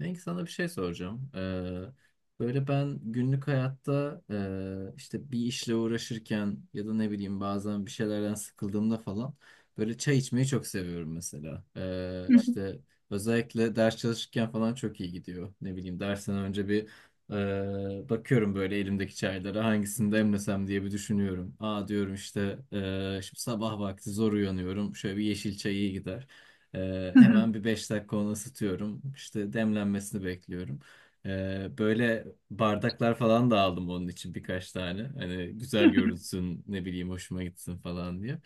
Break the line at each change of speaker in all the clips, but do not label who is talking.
Belki sana bir şey soracağım. Böyle ben günlük hayatta işte bir işle uğraşırken ya da ne bileyim bazen bir şeylerden sıkıldığımda falan böyle çay içmeyi çok seviyorum mesela. İşte özellikle ders çalışırken falan çok iyi gidiyor. Ne bileyim dersten önce bir bakıyorum böyle elimdeki çaylara hangisini demlesem diye bir düşünüyorum. Aa diyorum işte şimdi sabah vakti zor uyanıyorum, şöyle bir yeşil çay iyi gider. Hemen bir 5 dakika onu ısıtıyorum. İşte demlenmesini bekliyorum. Böyle bardaklar falan da aldım onun için birkaç tane. Hani güzel görünsün, ne bileyim hoşuma gitsin falan diye.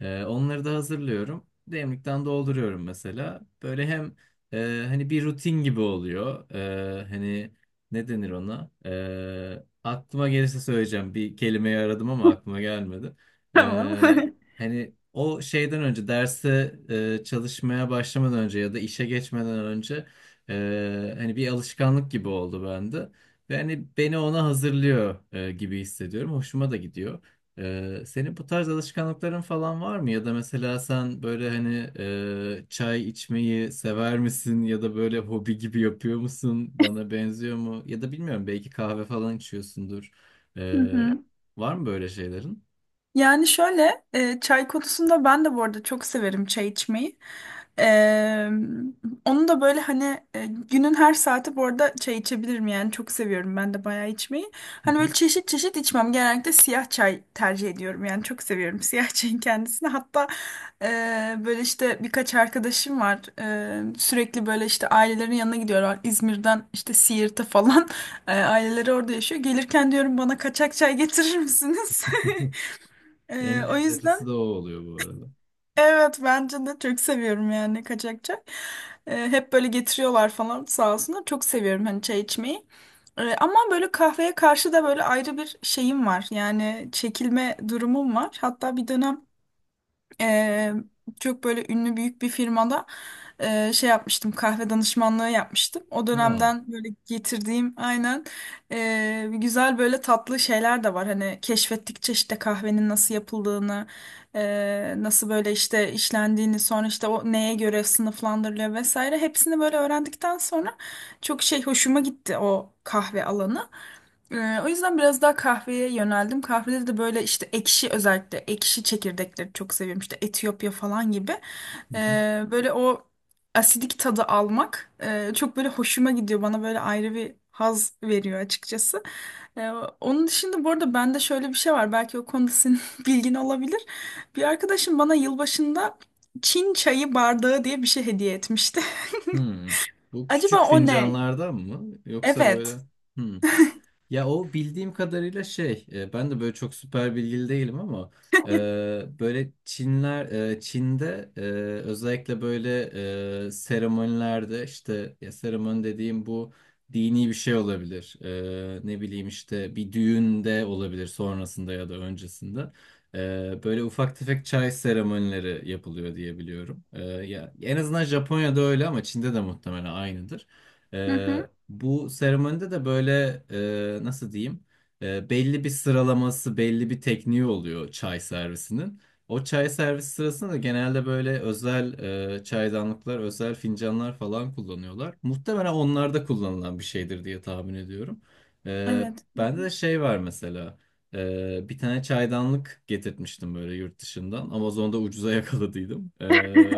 Onları da hazırlıyorum. Demlikten dolduruyorum mesela. Böyle hem hani bir rutin gibi oluyor. Hani ne denir ona? Aklıma gelirse söyleyeceğim. Bir kelimeyi aradım ama aklıma gelmedi.
Tamam.
Hani o şeyden önce derse çalışmaya başlamadan önce ya da işe geçmeden önce hani bir alışkanlık gibi oldu bende. Ve hani beni ona hazırlıyor gibi hissediyorum. Hoşuma da gidiyor. Senin bu tarz alışkanlıkların falan var mı? Ya da mesela sen böyle hani çay içmeyi sever misin? Ya da böyle hobi gibi yapıyor musun? Bana benziyor mu? Ya da bilmiyorum, belki kahve falan içiyorsundur.
Hı
E,
hı.
Var mı böyle şeylerin?
Yani şöyle çay konusunda ben de bu arada çok severim çay içmeyi. E, Onu da böyle hani günün her saati bu arada çay içebilirim, yani çok seviyorum ben de bayağı içmeyi.
Hı
Hani
hı.
böyle çeşit çeşit içmem, genellikle siyah çay tercih ediyorum, yani çok seviyorum siyah çayın kendisini. Hatta böyle işte birkaç arkadaşım var. Sürekli böyle işte ailelerin yanına gidiyorlar, İzmir'den işte Siirt'e falan. Aileleri orada yaşıyor. Gelirken diyorum, bana kaçak çay getirir misiniz?
En
O
lezzetlisi
yüzden
de o oluyor bu arada.
evet, bence de çok seviyorum yani kaçakçak. Hep böyle getiriyorlar falan, sağ olsunlar. Çok seviyorum hani çay içmeyi. Ama böyle kahveye karşı da böyle ayrı bir şeyim var. Yani çekilme durumum var. Hatta bir dönem Eee, çok böyle ünlü büyük bir firmada şey yapmıştım, kahve danışmanlığı yapmıştım. O
Aa.
dönemden böyle getirdiğim aynen güzel böyle tatlı şeyler de var. Hani keşfettikçe işte kahvenin nasıl yapıldığını nasıl böyle işte işlendiğini, sonra işte o neye göre sınıflandırılıyor vesaire, hepsini böyle öğrendikten sonra çok şey hoşuma gitti o kahve alanı. O yüzden biraz daha kahveye yöneldim. Kahvede de böyle işte ekşi, özellikle ekşi çekirdekleri çok seviyorum. İşte Etiyopya falan gibi.
Hı hı.
Böyle o asidik tadı almak çok böyle hoşuma gidiyor. Bana böyle ayrı bir haz veriyor açıkçası. Ee, Onun dışında bu arada bende şöyle bir şey var. Belki o konuda senin bilgin olabilir. Bir arkadaşım bana yılbaşında Çin çayı bardağı diye bir şey hediye etmişti.
Hmm. Bu
Acaba
küçük
o ne?
fincanlardan mı? Yoksa böyle...
Evet.
Hmm. Ya o bildiğim kadarıyla şey, ben de böyle çok süper bilgili değilim ama e, böyle Çinler, Çin'de, özellikle böyle seremonilerde, işte ya seremoni dediğim bu dini bir şey olabilir. Ne bileyim işte bir düğünde olabilir, sonrasında ya da öncesinde. Böyle ufak tefek çay seremonileri yapılıyor diye biliyorum. E, ya en azından Japonya'da öyle ama Çin'de de muhtemelen aynıdır.
Hı hı.
Bu seremonide de böyle nasıl diyeyim? Belli bir sıralaması, belli bir tekniği oluyor çay servisinin. O çay servisi sırasında da genelde böyle özel çaydanlıklar, özel fincanlar falan kullanıyorlar. Muhtemelen onlarda kullanılan bir şeydir diye tahmin ediyorum. Ee,
Evet.
Bende de şey var mesela. Bir tane çaydanlık getirtmiştim böyle yurt dışından. Amazon'da ucuza yakaladıydım.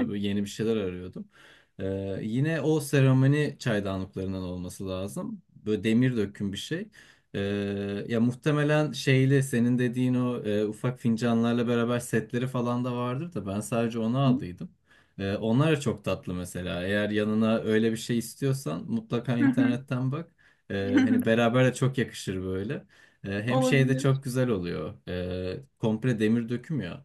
Böyle yeni bir şeyler arıyordum. Yine o seramani çaydanlıklarından olması lazım. Böyle demir döküm bir şey. Ee, Ya muhtemelen şeyle senin dediğin o ufak fincanlarla beraber setleri falan da vardır da ben sadece onu aldıydım. Onlar da çok tatlı mesela. Eğer yanına öyle bir şey istiyorsan mutlaka
Hı hı.
internetten bak. Hani beraber de çok yakışır böyle. Hem şey de
Olabilir.
çok güzel oluyor. Komple demir döküm ya.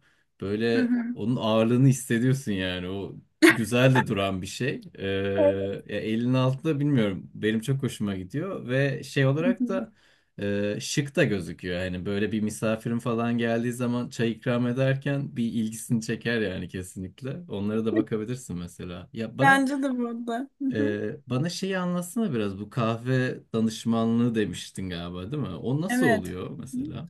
Hı
Böyle
hı.
onun ağırlığını hissediyorsun yani. O güzel de duran bir şey.
Evet.
Ya elin altında, bilmiyorum. Benim çok hoşuma gidiyor ve şey
Hı
olarak
hı.
da şık da gözüküyor. Hani böyle bir misafirin falan geldiği zaman çay ikram ederken bir ilgisini çeker yani kesinlikle. Onlara da bakabilirsin mesela.
Bence de burada. Hı hı.
Bana şeyi anlatsana biraz. Bu kahve danışmanlığı demiştin galiba, değil mi? O nasıl
Evet.
oluyor
Hı hı.
mesela?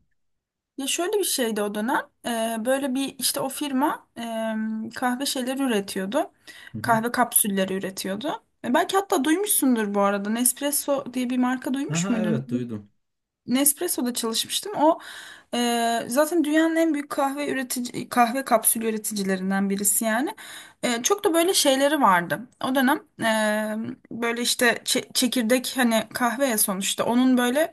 Ya şöyle bir şeydi o dönem. Böyle bir işte o firma kahve şeyleri üretiyordu.
Hı hı.
Kahve kapsülleri üretiyordu. E, belki hatta duymuşsundur bu arada. Nespresso diye bir marka duymuş
Aha,
muydun?
evet, duydum.
Nespresso'da çalışmıştım. O zaten dünyanın en büyük kahve üretici, kahve kapsülü üreticilerinden birisi yani. E, çok da böyle şeyleri vardı. O dönem böyle işte çekirdek, hani kahve ya sonuçta, onun böyle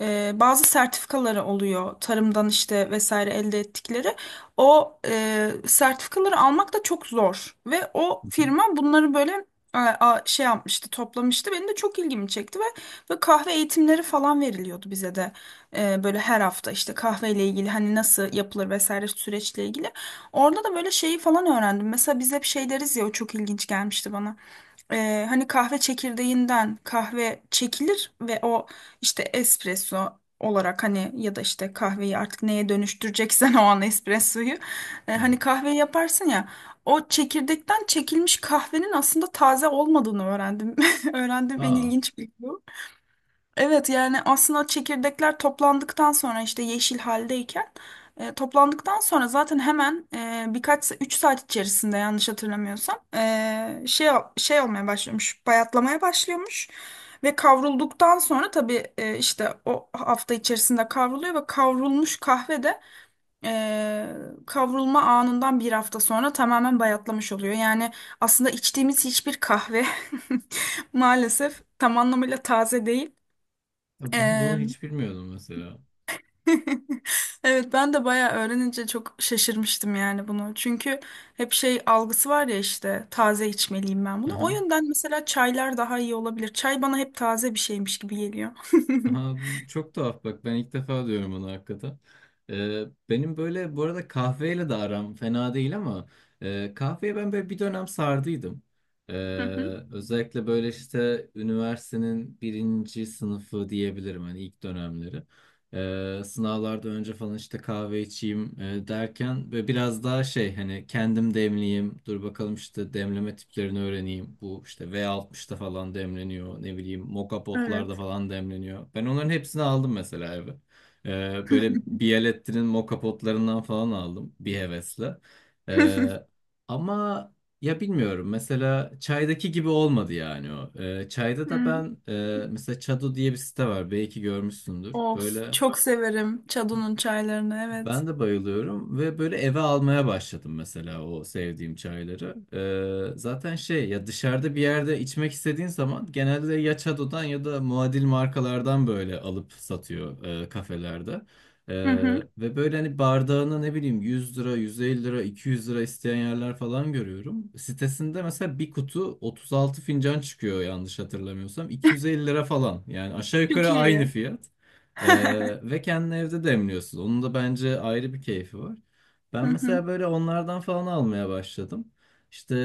bazı sertifikaları oluyor tarımdan işte vesaire elde ettikleri. O sertifikaları almak da çok zor ve
Hı
o
hı.
firma bunları böyle şey yapmıştı, toplamıştı. Benim de çok ilgimi çekti ve böyle kahve eğitimleri falan veriliyordu bize de. Böyle her hafta işte kahveyle ilgili, hani nasıl yapılır vesaire, süreçle ilgili. Orada da böyle şeyi falan öğrendim. Mesela biz hep şey deriz ya, o çok ilginç gelmişti bana. Hani kahve çekirdeğinden kahve çekilir ve o işte espresso olarak, hani ya da işte kahveyi artık neye dönüştüreceksen o an espressoyu hani
Evet.
kahveyi yaparsın ya, o çekirdekten çekilmiş kahvenin aslında taze olmadığını öğrendim. Öğrendim, en
Aa,
ilginç bilgi bu. Evet, yani aslında çekirdekler toplandıktan sonra işte yeşil haldeyken toplandıktan sonra zaten hemen birkaç 3 saat içerisinde, yanlış hatırlamıyorsam şey olmaya başlıyormuş, bayatlamaya başlıyormuş ve kavrulduktan sonra tabii işte o hafta içerisinde kavruluyor ve kavrulmuş kahve de e, kavrulma anından bir hafta sonra tamamen bayatlamış oluyor. Yani aslında içtiğimiz hiçbir kahve maalesef tam anlamıyla taze değil.
ya ben bunu
Eee,
hiç bilmiyordum mesela.
Evet, ben de bayağı öğrenince çok şaşırmıştım yani bunu. Çünkü hep şey algısı var ya, işte taze içmeliyim ben bunu. O yönden mesela çaylar daha iyi olabilir. Çay bana hep taze bir şeymiş gibi geliyor.
Aha, bu çok tuhaf bak, ben ilk defa diyorum onu hakikaten. Benim böyle bu arada kahveyle de aram fena değil ama kahveye ben böyle bir dönem sardıydım. Ee,
Hı hı.
Özellikle böyle işte üniversitenin birinci sınıfı diyebilirim, hani ilk dönemleri. Sınavlarda önce falan işte kahve içeyim derken, ve biraz daha şey, hani kendim demleyeyim, dur bakalım işte demleme tiplerini öğreneyim, bu işte v altmışta falan demleniyor, ne bileyim moka
Evet.
potlarda falan demleniyor, ben onların hepsini aldım mesela eve. Böyle Bialetti'nin moka potlarından falan aldım bir hevesle. Ee, Ama ya bilmiyorum, mesela çaydaki gibi olmadı yani o. Çayda da
Hı.
ben, mesela Çado diye bir site var, belki görmüşsündür.
Of,
Böyle
çok severim Çado'nun çaylarını, evet.
ben de bayılıyorum ve böyle eve almaya başladım mesela o sevdiğim çayları. Zaten şey, ya dışarıda bir yerde içmek istediğin zaman genelde ya Çado'dan ya da muadil markalardan böyle alıp satıyor kafelerde. Ee,
Hı hı.
Ve böyle hani bardağına ne bileyim 100 lira, 150 lira, 200 lira isteyen yerler falan görüyorum. Sitesinde mesela bir kutu 36 fincan çıkıyor yanlış hatırlamıyorsam. 250 lira falan, yani aşağı
Çok
yukarı aynı
iyi.
fiyat. Ve kendini evde demliyorsun. Onun da bence ayrı bir keyfi var.
Hı
Ben
hı.
mesela böyle onlardan falan almaya başladım.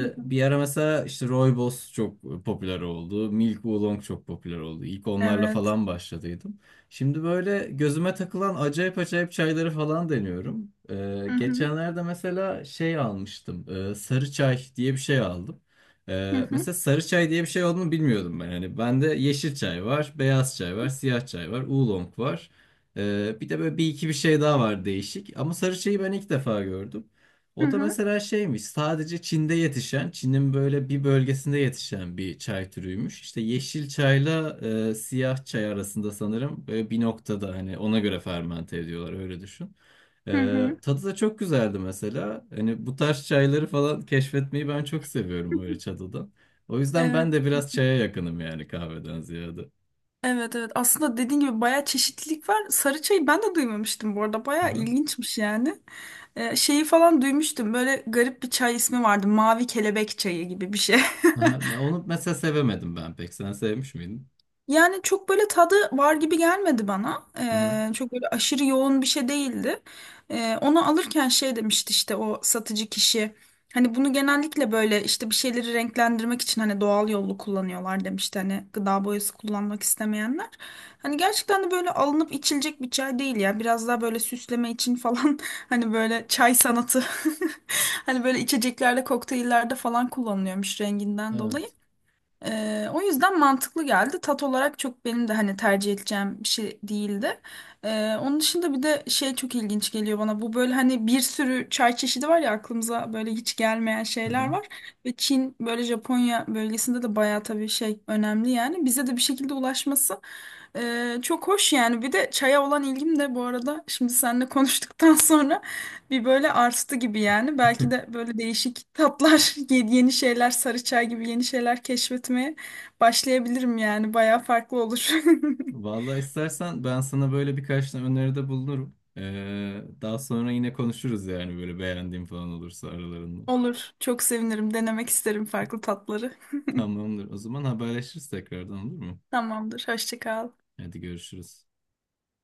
Hı hı.
bir ara mesela işte Rooibos çok popüler oldu. Milk Oolong çok popüler oldu. İlk onlarla
Evet.
falan başladıydım. Şimdi böyle gözüme takılan acayip acayip çayları falan deniyorum.
Hı hı.
Geçenlerde mesela şey almıştım. Sarı çay diye bir şey aldım.
Hı hı.
Mesela sarı çay diye bir şey olduğunu bilmiyordum ben. Hani bende yeşil çay var, beyaz çay var, siyah çay var, oolong var. Bir de böyle bir iki bir şey daha var değişik. Ama sarı çayı ben ilk defa gördüm.
Hı
O da
hı.
mesela şeymiş, sadece Çin'de yetişen, Çin'in böyle bir bölgesinde yetişen bir çay türüymüş. İşte yeşil çayla siyah çay arasında sanırım böyle bir noktada, hani ona göre fermente ediyorlar, öyle düşün.
Hı hı.
Tadı da çok güzeldi mesela. Hani bu tarz çayları falan keşfetmeyi ben çok seviyorum böyle çadıda. O yüzden
Evet.
ben de biraz çaya yakınım yani, kahveden ziyade.
Evet, evet, aslında dediğin gibi bayağı çeşitlilik var. Sarı çayı ben de duymamıştım bu arada,
Hı
bayağı
hı.
ilginçmiş yani. Şeyi falan duymuştum, böyle garip bir çay ismi vardı, mavi kelebek çayı gibi bir şey.
Aha, ben onu mesela sevemedim ben pek. Sen sevmiş miydin?
Yani çok böyle tadı var gibi gelmedi bana.
Hı hı.
Çok böyle aşırı yoğun bir şey değildi. Onu alırken şey demişti işte o satıcı kişi. Hani bunu genellikle böyle işte bir şeyleri renklendirmek için hani doğal yollu kullanıyorlar demişti. Hani gıda boyası kullanmak istemeyenler. Hani gerçekten de böyle alınıp içilecek bir çay değil ya. Biraz daha böyle süsleme için falan hani böyle çay sanatı. Hani böyle içeceklerde, kokteyllerde falan kullanılıyormuş renginden dolayı.
Evet.
O yüzden mantıklı geldi. Tat olarak çok benim de hani tercih edeceğim bir şey değildi. Onun dışında bir de şey çok ilginç geliyor bana. Bu böyle hani bir sürü çay çeşidi var ya, aklımıza böyle hiç gelmeyen
Hı
şeyler
hı.
var. Ve Çin, böyle Japonya bölgesinde de bayağı tabii şey önemli yani. Bize de bir şekilde ulaşması çok hoş yani. Bir de çaya olan ilgim de bu arada şimdi seninle konuştuktan sonra bir böyle arttı gibi yani. Belki de böyle değişik tatlar, yeni şeyler, sarı çay gibi yeni şeyler keşfetmeye başlayabilirim yani. Bayağı farklı olur.
Vallahi istersen ben sana böyle birkaç tane öneride bulunurum. Daha sonra yine konuşuruz yani, böyle beğendiğim falan olursa aralarında.
Olur. Çok sevinirim. Denemek isterim farklı tatları.
Tamamdır. O zaman haberleşiriz tekrardan, olur mu?
Tamamdır. Hoşça kal.
Hadi görüşürüz.